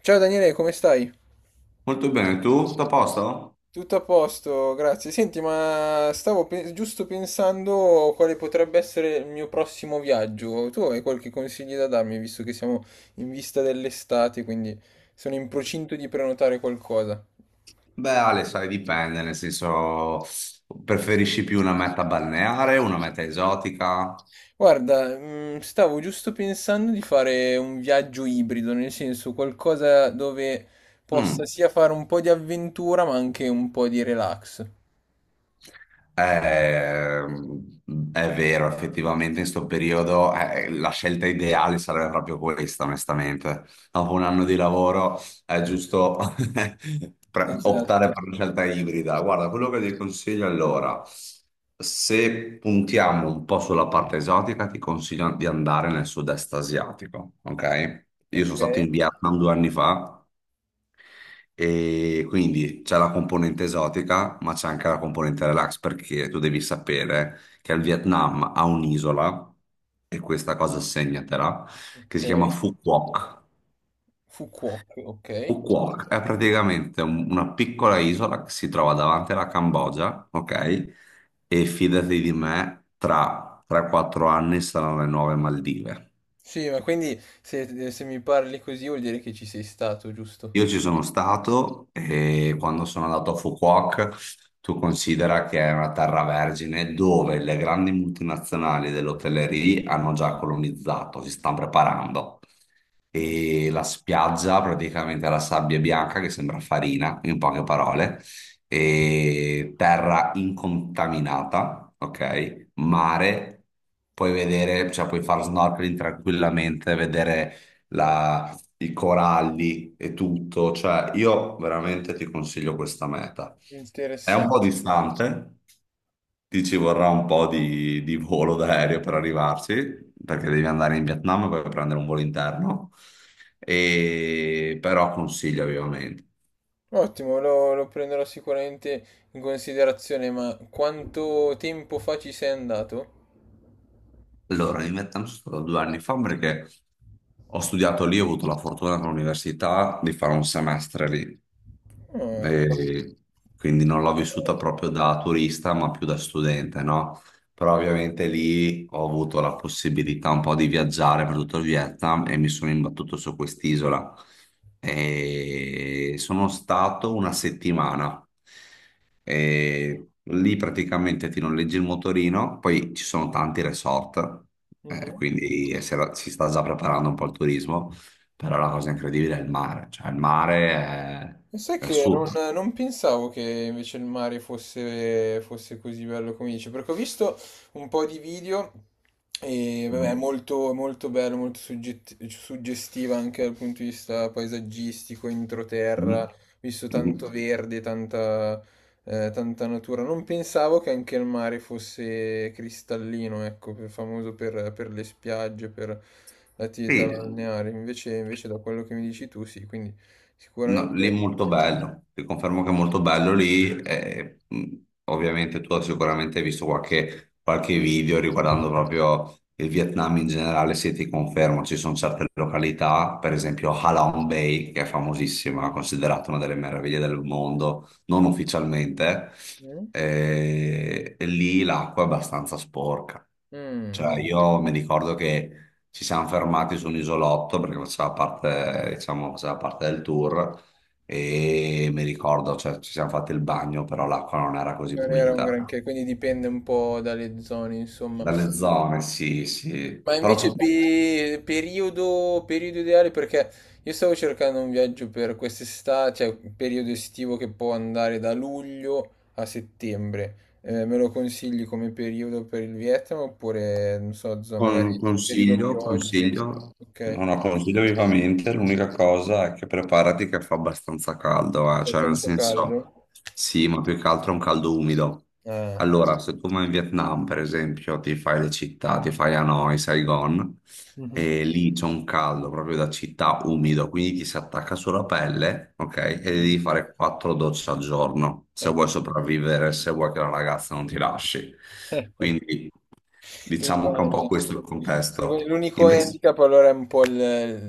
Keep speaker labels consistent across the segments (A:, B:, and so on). A: Ciao Daniele, come stai?
B: Molto bene, tu? Tutto a posto?
A: Tutto a posto, grazie. Senti, ma giusto pensando quale potrebbe essere il mio prossimo viaggio. Tu hai qualche consiglio da darmi, visto che siamo in vista dell'estate, quindi sono in procinto di prenotare qualcosa.
B: Beh, Ale, sai, dipende, nel senso, preferisci più una meta balneare, una meta esotica?
A: Guarda, stavo giusto pensando di fare un viaggio ibrido, nel senso qualcosa dove
B: Mm.
A: possa sia fare un po' di avventura, ma anche un po' di relax.
B: Eh, è vero, effettivamente in sto periodo la scelta ideale sarebbe proprio questa, onestamente. Dopo un anno di lavoro è giusto optare
A: Esatto.
B: per una scelta ibrida. Guarda, quello che ti consiglio allora, se puntiamo un po' sulla parte esotica, ti consiglio di andare nel sud-est asiatico, ok? Io
A: Ok,
B: sono stato in Vietnam 2 anni fa e quindi c'è la componente esotica, ma c'è anche la componente relax, perché tu devi sapere che il Vietnam ha un'isola, e questa cosa segnatela, che si chiama
A: ok.
B: Phu Quoc.
A: Fukuoka, ok.
B: Phu Quoc è praticamente una piccola isola che si trova davanti alla Cambogia, ok? E fidati di me, tra 3-4 anni saranno le nuove Maldive.
A: Sì, ma quindi se mi parli così vuol dire che ci sei stato, giusto?
B: Io ci sono stato e quando sono andato a Fukuoka, tu considera che è una terra vergine dove le grandi multinazionali dell'hotellerie hanno già colonizzato, si stanno preparando
A: Mm,
B: e la spiaggia praticamente è la sabbia bianca che sembra farina, in poche parole, e terra incontaminata, ok? Mare, puoi vedere, cioè puoi fare snorkeling tranquillamente, vedere i coralli e tutto, cioè io veramente ti consiglio questa meta. È un po'
A: Interessante.
B: distante, ti ci vorrà un po' di volo d'aereo per arrivarci, perché devi andare in Vietnam e poi prendere un volo interno, e però consiglio vivamente.
A: Ottimo, lo prenderò sicuramente in considerazione, ma quanto tempo fa ci sei andato?
B: Allora, in Vietnam sono stato 2 anni fa perché ho studiato lì, ho avuto la fortuna con l'università di fare un semestre lì,
A: Ah, che
B: e quindi non l'ho vissuta
A: bello.
B: proprio da turista, ma più da studente, no? Però ovviamente lì ho avuto la possibilità un po' di viaggiare per tutto il Vietnam e mi sono imbattuto su quest'isola. E sono stato una settimana. E lì praticamente ti noleggi il motorino, poi ci sono tanti resort,
A: Mhm.
B: quindi si sta già preparando un po' il turismo, però la cosa incredibile è il mare, cioè il mare è,
A: E sai
B: è
A: che non,
B: assurdo.
A: non pensavo che invece il mare fosse così bello come dice, perché ho visto un po' di video e vabbè, è molto, molto bello, molto suggestiva anche dal punto di vista paesaggistico, introterra,
B: Mhm.
A: ho visto
B: Mhm.
A: tanto verde, tanta, tanta natura. Non pensavo che anche il mare fosse cristallino, ecco, famoso per le spiagge, per l'attività
B: Sì,
A: balneare, invece da quello che mi dici tu, sì, quindi.
B: no, lì è
A: Sicuramente.
B: molto bello, ti confermo che è molto bello lì, e, ovviamente tu sicuramente hai visto qualche video riguardando proprio il Vietnam in generale, se ti confermo ci sono certe località, per esempio Ha Long Bay, che è famosissima, considerata una delle meraviglie del mondo, non ufficialmente,
A: Mm?
B: e lì l'acqua è abbastanza sporca.
A: Mm,
B: Cioè,
A: mm.
B: io mi ricordo che ci siamo fermati su un isolotto perché faceva parte, diciamo, faceva parte del tour e mi ricordo, cioè, ci siamo fatti il bagno, però l'acqua non era così
A: Non era un, ok,
B: pulita.
A: granché, quindi dipende un po' dalle zone, insomma.
B: Dalle zone, sì, sì.
A: Ma
B: Però
A: invece
B: fu
A: periodo ideale, perché io stavo cercando un viaggio per quest'estate, cioè un periodo estivo che può andare da luglio a settembre. Me lo consigli come periodo per il Vietnam oppure, non so, magari periodo piogge?
B: Consiglio,
A: Ok,
B: no, no, consiglio vivamente, l'unica cosa è che preparati che fa abbastanza caldo,
A: c'è
B: cioè nel
A: tanto
B: senso,
A: caldo?
B: sì, ma più che altro è un caldo umido.
A: Ah.
B: Allora, se tu vai in Vietnam, per esempio, ti fai le città, ti fai Hanoi, Saigon,
A: Mhm.
B: e lì c'è un caldo proprio da città umido, quindi ti si attacca sulla pelle, ok? E
A: Mm.
B: devi fare quattro docce al giorno, se
A: Eh.
B: vuoi sopravvivere, se vuoi che la ragazza non ti lasci. Quindi diciamo che è un po'
A: Immagino.
B: questo il
A: Sì,
B: contesto.
A: l'unico
B: Invece
A: handicap allora è un po' il,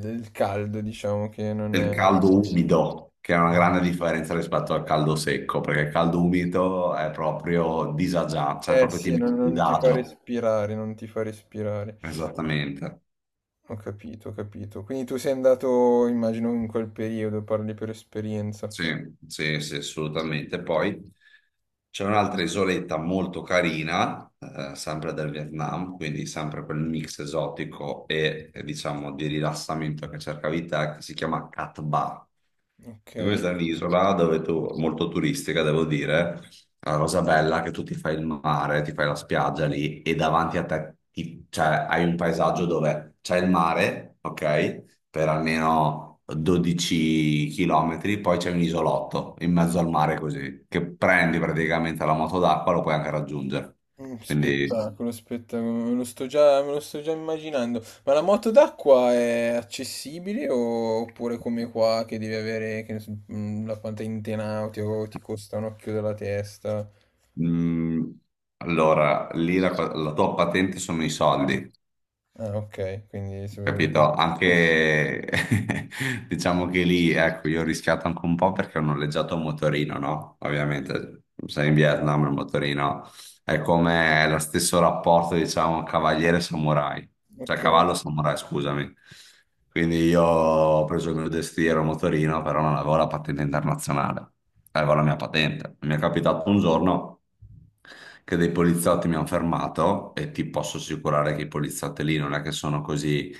A: il caldo, diciamo che non
B: del
A: è.
B: caldo umido, che è una grande differenza rispetto al caldo secco, perché il caldo umido è proprio disagiato, cioè
A: Eh
B: proprio ti
A: sì,
B: metti
A: non,
B: a
A: non ti fa
B: disagio.
A: respirare, non ti fa respirare.
B: Esattamente.
A: Ho capito, ho capito. Quindi tu sei andato, immagino, in quel periodo, parli per esperienza.
B: Sì, sì, sì, assolutamente. Poi c'è un'altra isoletta molto carina, sempre del Vietnam, quindi sempre quel mix esotico e, diciamo di rilassamento che cercavi te, che si chiama Cat Ba.
A: Ok.
B: E questa è un'isola dove tu, molto turistica, devo dire. La cosa bella è che tu ti fai il mare, ti fai la spiaggia lì e davanti a te cioè, hai un paesaggio dove c'è il mare, ok? Per almeno 12 km, poi c'è un isolotto in mezzo al mare così, che prendi praticamente la moto d'acqua, lo puoi anche raggiungere. Quindi,
A: Spettacolo, spettacolo, me lo sto già immaginando. Ma la moto d'acqua è accessibile oppure come qua che devi avere, che ne so, la quanta intenauti o ti costa un occhio della testa?
B: mm, allora, lì la tua patente sono i soldi.
A: Ah, ok, quindi.
B: Capito? Anche diciamo che lì, ecco, io ho rischiato anche un po' perché ho noleggiato un motorino, no? Ovviamente, sei in Vietnam, il motorino è come lo stesso rapporto, diciamo, cavaliere-samurai, cioè
A: Ok,
B: cavallo-samurai, scusami. Quindi io ho preso il mio destriero motorino, però non avevo la patente internazionale, avevo la mia patente. Mi è capitato un giorno che dei poliziotti mi hanno fermato e ti posso assicurare che i poliziotti lì non è che sono così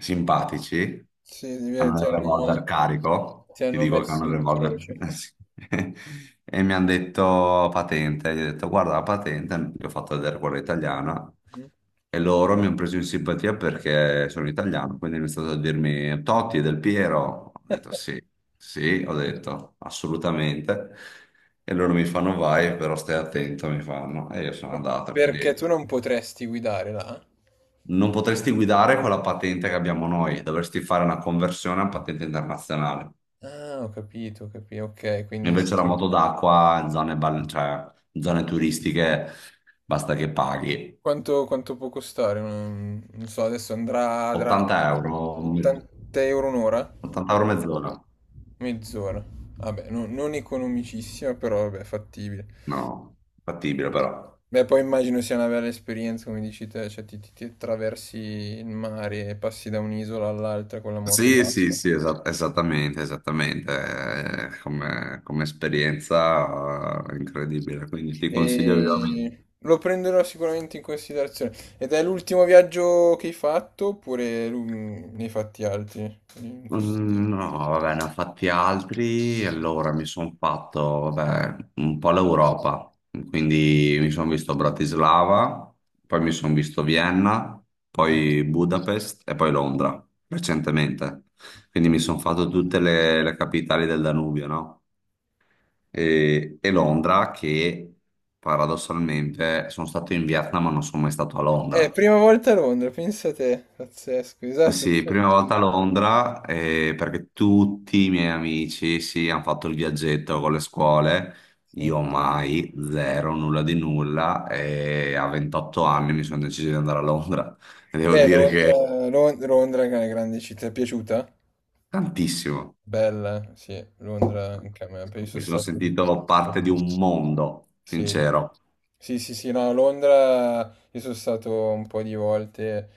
B: simpatici,
A: sì,
B: hanno
A: ti
B: il
A: hanno,
B: revolver carico,
A: ti
B: ti
A: hanno
B: dico che hanno
A: messo
B: il
A: in
B: revolver,
A: croce.
B: eh sì. E mi hanno detto patente, gli ho detto guarda la patente, gli ho fatto vedere quella italiana
A: Mm.
B: e loro mi hanno preso in simpatia perché sono italiano, quindi mi è stato a dirmi Totti è Del Piero, ho detto sì, sì, ho detto assolutamente. E loro mi fanno vai, però stai attento, mi fanno. E io sono andato,
A: Perché
B: quindi
A: tu non potresti guidare là?
B: non potresti guidare con la patente che abbiamo noi, dovresti fare una conversione a patente internazionale.
A: Ah, ho capito, ok, quindi sì.
B: Invece la
A: Sì.
B: moto d'acqua in zone, cioè, in zone turistiche basta che paghi
A: Quanto può costare? Non so, adesso andrà
B: 80 euro,
A: 80 euro un'ora?
B: 80 euro mezz'ora.
A: Mezz'ora. Vabbè, non economicissima, però vabbè, fattibile.
B: No, fattibile però.
A: Beh, poi immagino sia una bella esperienza, come dici te, cioè ti attraversi il mare e passi da un'isola all'altra con la moto
B: Sì, sì,
A: d'acqua.
B: sì, esattamente, esattamente. Come, come esperienza incredibile, quindi ti consiglio vivamente.
A: E lo prenderò sicuramente in considerazione. Ed è l'ultimo viaggio che hai fatto, oppure ne hai fatti altri in questo tempo?
B: No, vabbè, ne ho fatti altri. Allora mi sono fatto, vabbè, un po' l'Europa. Quindi mi sono visto Bratislava, poi mi sono visto Vienna,
A: Mm.
B: poi Budapest e poi Londra, recentemente. Quindi mi sono fatto tutte le capitali del Danubio, no? E Londra, che paradossalmente sono stato in Vietnam, ma non sono mai stato a Londra.
A: Prima volta a Londra, pensa te, pazzesco,
B: Eh
A: esatto. Sì.
B: sì, prima volta a Londra perché tutti i miei amici sì, hanno fatto il viaggetto con le scuole, io mai, zero, nulla di nulla e a 28 anni mi sono deciso di andare a Londra e devo
A: Beh,
B: dire che
A: Londra, Londra è una grande città, ti è piaciuta?
B: tantissimo,
A: Bella, sì, Londra anche a me, poi
B: mi
A: sono
B: sono
A: stato.
B: sentito parte di un mondo,
A: Sì.
B: sincero.
A: Sì, sì, sì, no, Londra io sono stato un po' di volte,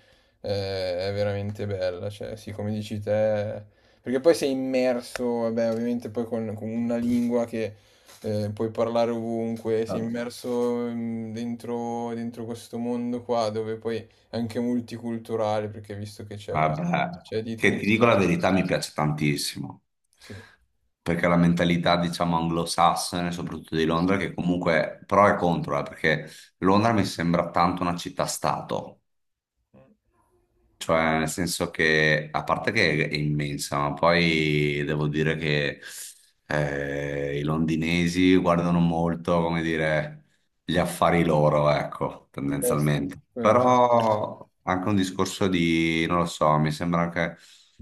A: è veramente bella, cioè sì, come dici te, perché poi sei immerso, vabbè, ovviamente poi con una lingua che puoi parlare ovunque, sei immerso dentro questo mondo qua, dove poi è anche multiculturale, perché visto che c'è
B: Vabbè,
A: c'è di
B: che ti dico
A: tutto,
B: la verità, mi piace tantissimo,
A: sì.
B: perché la mentalità, diciamo, anglosassone, soprattutto di Londra, che comunque pro e contro, perché Londra mi sembra tanto una città-stato. Cioè, nel senso che, a parte che è immensa, ma poi devo dire che i londinesi guardano molto, come dire, gli affari loro, ecco,
A: Eh sì,
B: tendenzialmente.
A: quello sì.
B: Però anche un discorso di, non lo so, mi sembra anche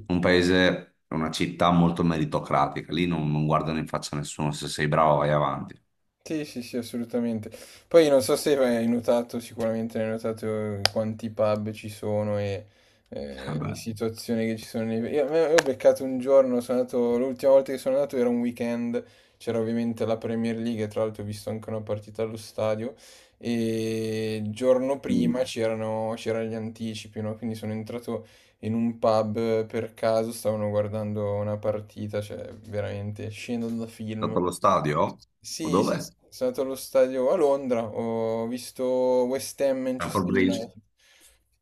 B: un paese, una città molto meritocratica. Lì non guardano in faccia a nessuno, se sei bravo vai avanti.
A: Sì, sì, sì, assolutamente. Poi non so se hai notato, sicuramente hai notato quanti pub ci sono e le
B: Vabbè.
A: situazioni che ci sono. Io ho beccato un giorno, sono andato, l'ultima volta che sono andato era un weekend, c'era ovviamente la Premier League, e tra l'altro ho visto anche una partita allo stadio e il giorno
B: Mm.
A: prima c'erano gli anticipi, no? Quindi sono entrato in un pub per caso, stavano guardando una partita, cioè veramente scena da film.
B: Stato allo stadio? O
A: Sì, sì, sì,
B: dove?
A: sono stato allo stadio a Londra, ho visto West Ham
B: Stanford
A: Manchester
B: Bridge.
A: United.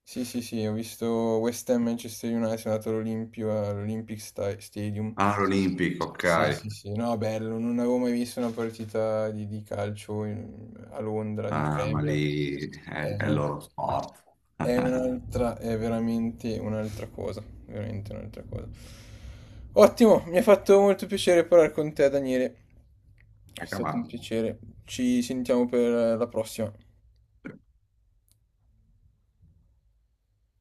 A: Sì, sì, sì, ho visto West Ham Manchester United, sono andato all'Olimpio, all'Olympic Stadium.
B: Ah, l'Olympic, ok.
A: Sì, sì, sì, no, bello, non avevo mai visto una partita di calcio a Londra, di
B: Ah, ma
A: Premier.
B: lì
A: È
B: è il loro sport.
A: è un'altra, è veramente un'altra cosa, veramente un'altra cosa. Ottimo, mi ha fatto molto piacere parlare con te, Daniele. È
B: Anche a me.
A: stato un piacere. Ci sentiamo per la prossima.